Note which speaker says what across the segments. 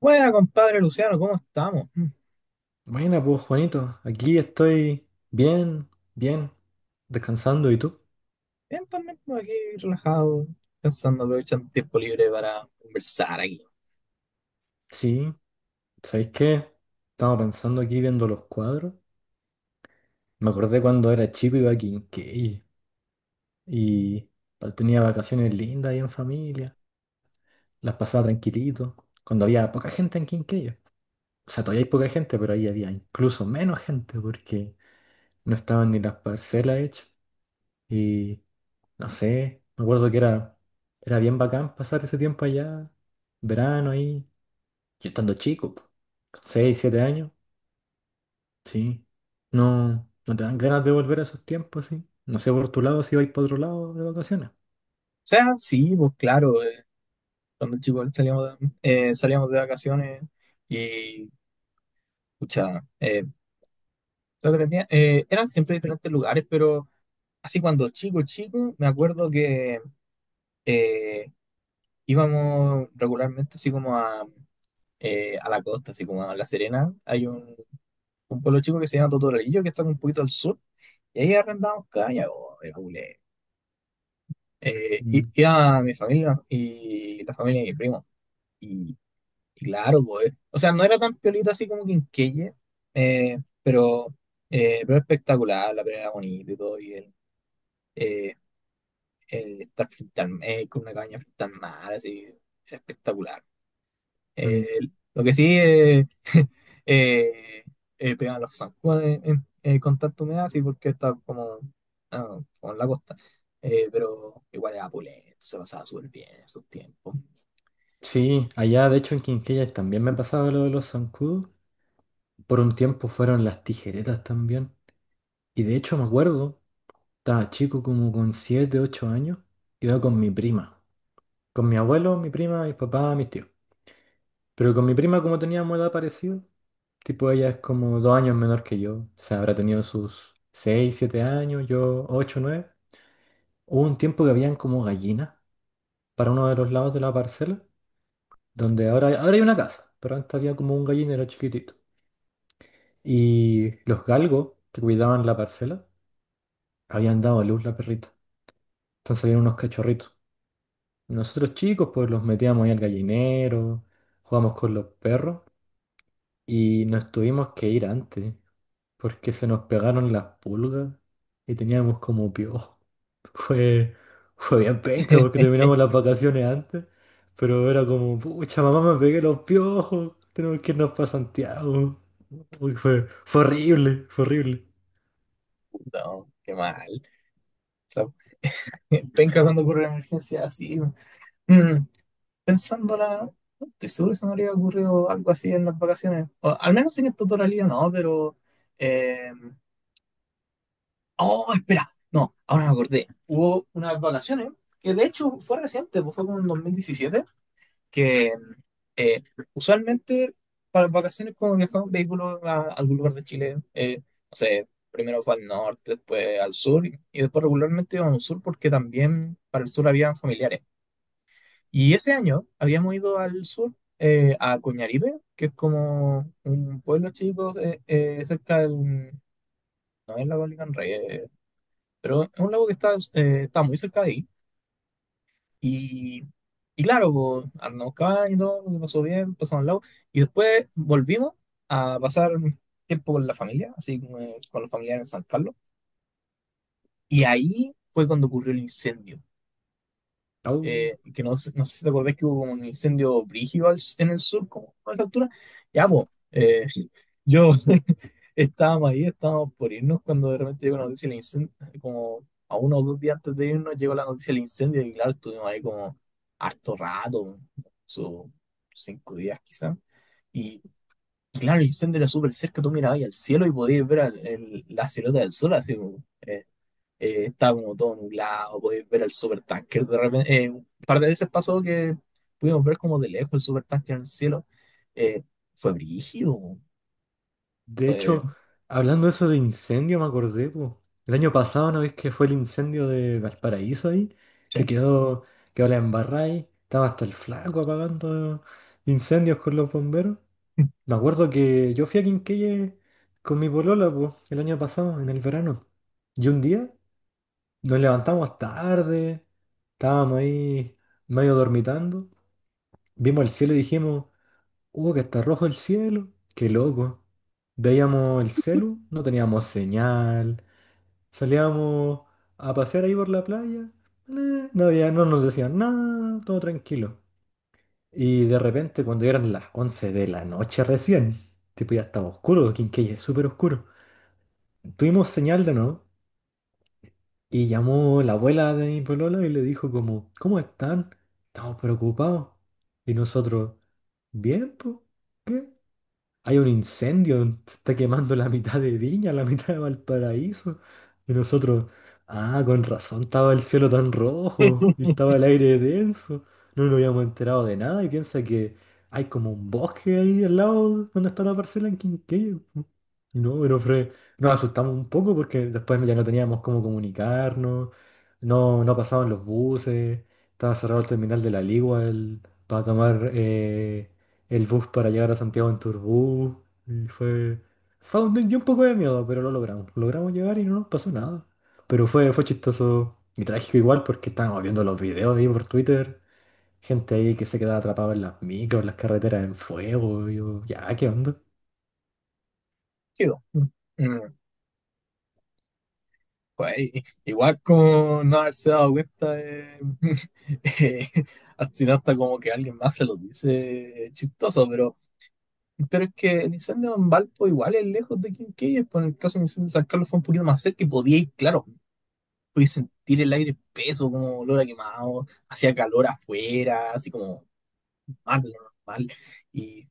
Speaker 1: Buena, compadre Luciano, ¿cómo estamos? Mm,
Speaker 2: Buena, pues Juanito, aquí estoy bien, bien, descansando. ¿Y tú?
Speaker 1: bien, también por aquí relajado, pensando, aprovechando el tiempo libre para conversar aquí. O
Speaker 2: Sí, ¿sabéis qué? Estaba pensando aquí viendo los cuadros. Me acordé cuando era chico iba a Quinquegui y tenía vacaciones lindas ahí en familia, las pasaba tranquilito, cuando había poca gente en Quinquegui. O sea, todavía hay poca gente, pero ahí había incluso menos gente porque no estaban ni las parcelas hechas. Y no sé, me acuerdo que era bien bacán pasar ese tiempo allá verano ahí. Yo estando chico, po, con 6, años, sí. No, no te dan ganas de volver a esos tiempos, sí. No sé por tu lado si vais para otro lado de vacaciones.
Speaker 1: sea, sí, pues claro, cuando chicos salíamos de vacaciones y, escucha, eran siempre diferentes lugares, pero así cuando chico, chico, me acuerdo que eh, íbamos regularmente así como a la costa, así como a La Serena. Hay un pueblo chico que se llama Totoralillo, que está un poquito al sur. Y ahí arrendamos caña, po, era culé.
Speaker 2: Mm,
Speaker 1: Iba mi familia y la familia de mi primo. Y, y claro, pues, o sea, no era tan piolita así como Quinquelle, eh, pero, pero espectacular, la pelea era bonita y todo. Eh, el estar con una caña frente al mar, así, era espectacular.
Speaker 2: mm.
Speaker 1: Eh, lo que sí eh, pegan los zancudos con tanta humedad, sí, porque está como en la costa. Pero igual era opulento, se pasaba súper bien en esos tiempos.
Speaker 2: Sí, allá de hecho en Quinquellas también me pasaba lo de los zancudos. Por un tiempo fueron las tijeretas también. Y de hecho me acuerdo, estaba chico como con 7 8 años, iba con mi prima. Con mi abuelo, mi prima, mis papás, mis tíos. Pero con mi prima como teníamos edad parecida, tipo, ella es como 2 años menor que yo. O sea, habrá tenido sus 6, 7 años, yo 8, 9. Hubo un tiempo que habían como gallinas para uno de los lados de la parcela, donde ahora hay una casa, pero antes había como un gallinero chiquitito. Y los galgos que cuidaban la parcela habían dado a luz la perrita. Entonces habían unos cachorritos. Nosotros chicos, pues los metíamos ahí al gallinero, jugamos con los perros y nos tuvimos que ir antes porque se nos pegaron las pulgas y teníamos como piojo. Fue, fue bien penca porque terminamos las vacaciones antes, pero era como, pucha, mamá, me pegué los piojos, tenemos que irnos para Santiago. Uy, fue horrible, fue horrible.
Speaker 1: No, qué mal. O sea, penca cuando ocurre una emergencia así. Mm, pensándola, no estoy seguro si me habría ocurrido algo así en las vacaciones. O, al menos en esta totalidad no, pero eh, Oh, espera. No, ahora me acordé. Hubo unas vacaciones que de hecho fue reciente, pues fue como en 2017. Que eh, Usualmente para las vacaciones como viajaba en vehículo a algún lugar de Chile, no sé, primero fue al norte, después al sur, y después regularmente íbamos al sur porque también para el sur habían familiares. Y ese año habíamos ido al sur, a Coñaripe, que es como un pueblo chico cerca del... No es la Bolívar pero es un lago que está muy cerca de ahí. Y, y claro, pues, andamos caballo, todo, lo pasó bien, pasamos al lago. Y después volvimos a pasar tiempo con la familia, así como, con los familiares en San Carlos. Y ahí fue cuando ocurrió el incendio.
Speaker 2: Au.
Speaker 1: Que no sé si te acordás que hubo como un incendio brígido en el sur, como a esa altura. Ya, pues, yo estábamos ahí, estábamos por irnos cuando de repente llegó la noticia del incendio, como a uno o dos días antes de irnos llegó la noticia del incendio y claro, estuvimos ahí como harto rato, sus cinco días quizás. Y, y claro, el incendio era súper cerca, tú mirabas ahí al cielo y podías ver la silueta del sol así, estaba como todo nublado, podéis ver el supertanker. De repente, un par de veces pasó que pudimos ver como de lejos el supertanker en el cielo. Eh, Fue brígido.
Speaker 2: De
Speaker 1: Fue,
Speaker 2: hecho, hablando de eso de incendio, me acordé, po. El año pasado, ¿no ves que fue el incendio de Valparaíso ahí?
Speaker 1: sí.
Speaker 2: Que quedó la embarrada ahí, estaba hasta el flaco apagando incendios con los bomberos. Me acuerdo que yo fui a Quinquelle con mi polola, po, el año pasado, en el verano. Y un día nos levantamos tarde, estábamos ahí medio dormitando, vimos el cielo y dijimos, oh, que está rojo el cielo, qué loco. Veíamos el celu, no teníamos señal, salíamos a pasear ahí por la playa, no nos decían nada, todo tranquilo. Y de repente, cuando eran las 11 de la noche recién, tipo ya estaba oscuro, Quinqué es súper oscuro, tuvimos señal de nuevo y llamó la abuela de mi polola y le dijo como, ¿cómo están? Estamos preocupados. Y nosotros, bien, pues, hay un incendio, se está quemando la mitad de Viña, la mitad de Valparaíso. Y nosotros, ah, con razón estaba el cielo tan rojo y estaba el aire denso. No nos habíamos enterado de nada y piensa que hay como un bosque ahí al lado donde está la parcela en Quinquello. No, pero nos asustamos un poco porque después ya no teníamos cómo comunicarnos, no pasaban los buses, estaba cerrado el terminal de la Ligua para tomar el bus para llegar a Santiago en Turbú. Y dio un poco de miedo, pero lo logramos. Logramos llegar y no nos pasó nada. Pero fue chistoso y trágico igual porque estábamos viendo los videos ahí por Twitter. Gente ahí que se quedaba atrapada en las micros, en las carreteras en fuego, y yo, ya, ¿qué onda?
Speaker 1: Brígido. Mm, pues, igual como no haberse dado cuenta eh, al final hasta como que alguien más se lo dice chistoso, pero es que el incendio en Valpo igual es lejos de Quinquellas, por el caso del incendio de San Carlos fue un poquito más cerca y podía ir, claro. Podía sentir el aire peso, como olor a quemado, hacía calor afuera, así como mal, normal, y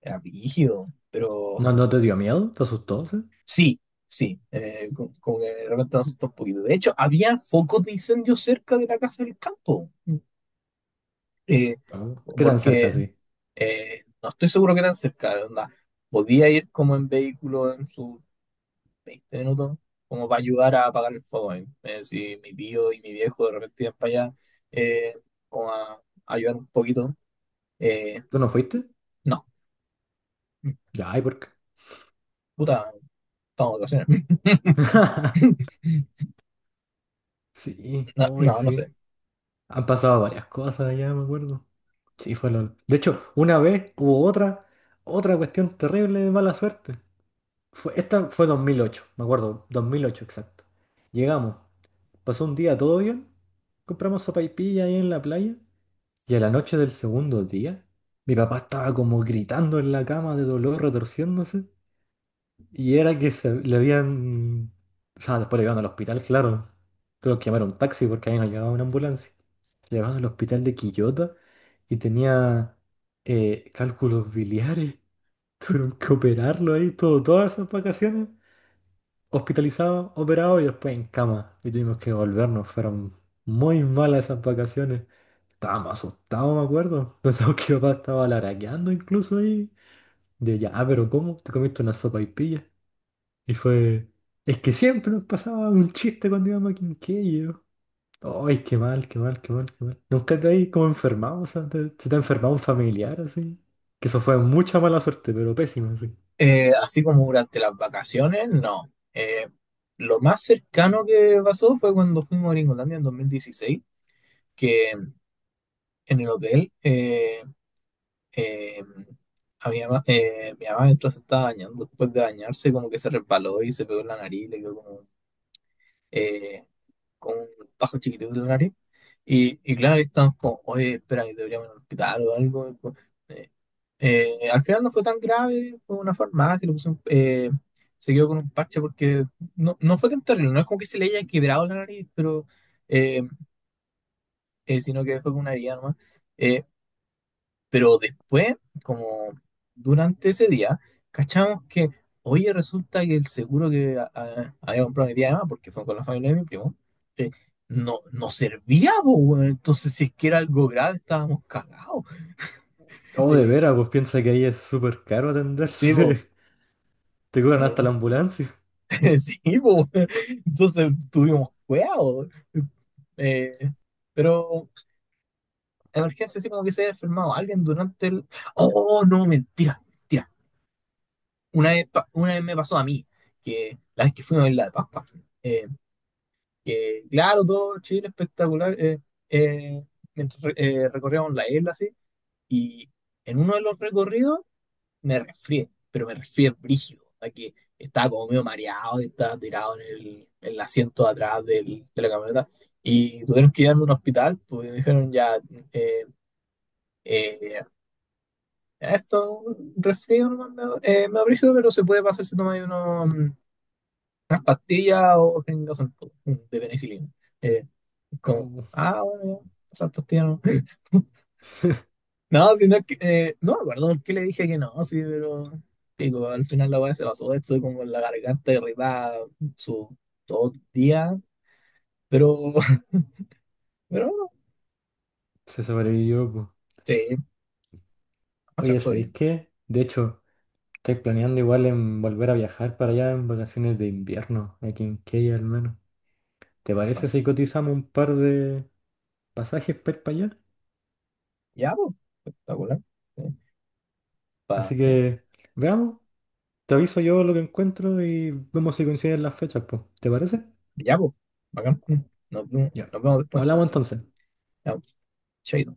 Speaker 1: era rígido, pero
Speaker 2: ¿No te dio miedo? ¿Te asustó? ¿Sí?
Speaker 1: sí, sí, como, que de repente me asustó un poquito. De hecho, había focos de incendio cerca de la casa del campo, eh,
Speaker 2: No. ¿Qué tan cerca
Speaker 1: porque
Speaker 2: sí?
Speaker 1: no estoy seguro que tan cerca, onda, podía ir como en vehículo en su 20 minutos, como para ayudar a apagar el fuego ahí. Si mi tío y mi viejo de repente iban para allá, eh, como a ayudar un poquito. eh,
Speaker 2: ¿Tú no fuiste?
Speaker 1: no,
Speaker 2: Ya, ¿y por qué?
Speaker 1: puta, estamos de vacaciones.
Speaker 2: Sí,
Speaker 1: No,
Speaker 2: hoy
Speaker 1: no, no sé.
Speaker 2: sí. Han pasado varias cosas ya, me acuerdo. Sí, fue LOL. De hecho, una vez hubo otra cuestión terrible de mala suerte. Esta fue 2008 me acuerdo, 2008 exacto. Llegamos, pasó un día todo bien, compramos sopaipilla ahí en la playa y a la noche del segundo día, mi papá estaba como gritando en la cama de dolor, retorciéndose y era que se le habían... O sea, después le llevaron al hospital, claro. Tuvo que llamar a un taxi porque ahí no llegaba una ambulancia llevado al hospital de Quillota y tenía cálculos biliares. Tuvieron que operarlo ahí todas esas vacaciones. Hospitalizado, operado y después en cama. Y tuvimos que volvernos. Fueron muy malas esas vacaciones. Estábamos asustados, me acuerdo. Pensamos que mi papá estaba laraqueando incluso ahí. De ya, "Ah, pero ¿cómo? Te comiste una sopa y pilla. Y fue. Es que siempre nos pasaba un chiste cuando íbamos a Quinquello. Ay, qué mal, qué mal, qué mal, qué mal. ¿Nunca te has como enfermado? O sea, ¿se te ha enfermado un familiar así? Que eso fue mucha mala suerte, pero pésima, así.
Speaker 1: Así como durante las vacaciones, no. Lo más cercano que pasó fue cuando fuimos a Gringolandia en 2016, que en el hotel eh, a mi mamá mientras se estaba bañando, después de bañarse, como que se resbaló y se pegó en la nariz, le quedó como eh, con un bajo chiquitito de la nariz. Y claro, ahí estamos como, oye, espera, que deberíamos ir al hospital o algo, pues, eh, al final no fue tan grave, fue una farmacia, le puse un, se quedó con un parche porque no fue tan terrible, no es como que se le haya quebrado la nariz, pero eh, sino que fue con una herida nomás. Eh, pero después, como durante ese día, cachamos que, oye, resulta que el seguro que había comprado mi tía Emma, porque fue con la familia de mi primo, eh, no, no servía, po, weón. Entonces, si es que era algo grave, estábamos cagados.
Speaker 2: Oh, de
Speaker 1: Eh,
Speaker 2: veras, pues piensa que ahí es súper caro
Speaker 1: sí, po,
Speaker 2: atenderse. Te cobran hasta
Speaker 1: eh,
Speaker 2: la ambulancia.
Speaker 1: sí, po, weón. Entonces tuvimos cuidado. Eh, pero emergencia, sí, como que se había enfermado alguien durante el... Oh, no, mentira, mentira. Una vez, una vez me pasó a mí, que la vez que fuimos a Isla de Pascua, eh, que claro, todo Chile espectacular, eh, mientras recorríamos la isla así, y en uno de los recorridos me resfrié, pero me resfrié brígido, a que estaba como medio mareado y estaba tirado en el asiento de atrás de la camioneta, y tuvieron que llevarme a un hospital, porque me dijeron ya, eh, eh, esto, un resfrío, nomás, medio brígido, pero se puede pasar si tomas unos unas pastillas o tengas un poco de penicilina. Eh, Como,
Speaker 2: Oh,
Speaker 1: ah, bueno, ya, esas pastillas no. No, si no es que, no me acuerdo por qué le dije que no, sí, pero pico, al final la weá se pasó, estuve como con la garganta irritada su todo el día, pero, pero bueno,
Speaker 2: se sobrevivió, pues.
Speaker 1: sí, o sea,
Speaker 2: Oye,
Speaker 1: fue
Speaker 2: ¿sabéis
Speaker 1: bien.
Speaker 2: qué? De hecho, estoy planeando igual en volver a viajar para allá en vacaciones de invierno, aquí en Key al menos. ¿Te parece
Speaker 1: Bueno,
Speaker 2: si cotizamos un par de pasajes para ir para allá?
Speaker 1: ya, pues, espectacular. Sí, pa-
Speaker 2: Así
Speaker 1: eh,
Speaker 2: que, veamos. Te aviso yo lo que encuentro y vemos si coinciden las fechas, pues. ¿Te parece?
Speaker 1: ya, pues, bacán. Mm, nos vemos,
Speaker 2: Ya.
Speaker 1: nos vemos después
Speaker 2: Hablamos
Speaker 1: entonces.
Speaker 2: entonces.
Speaker 1: Ya, po, chaito.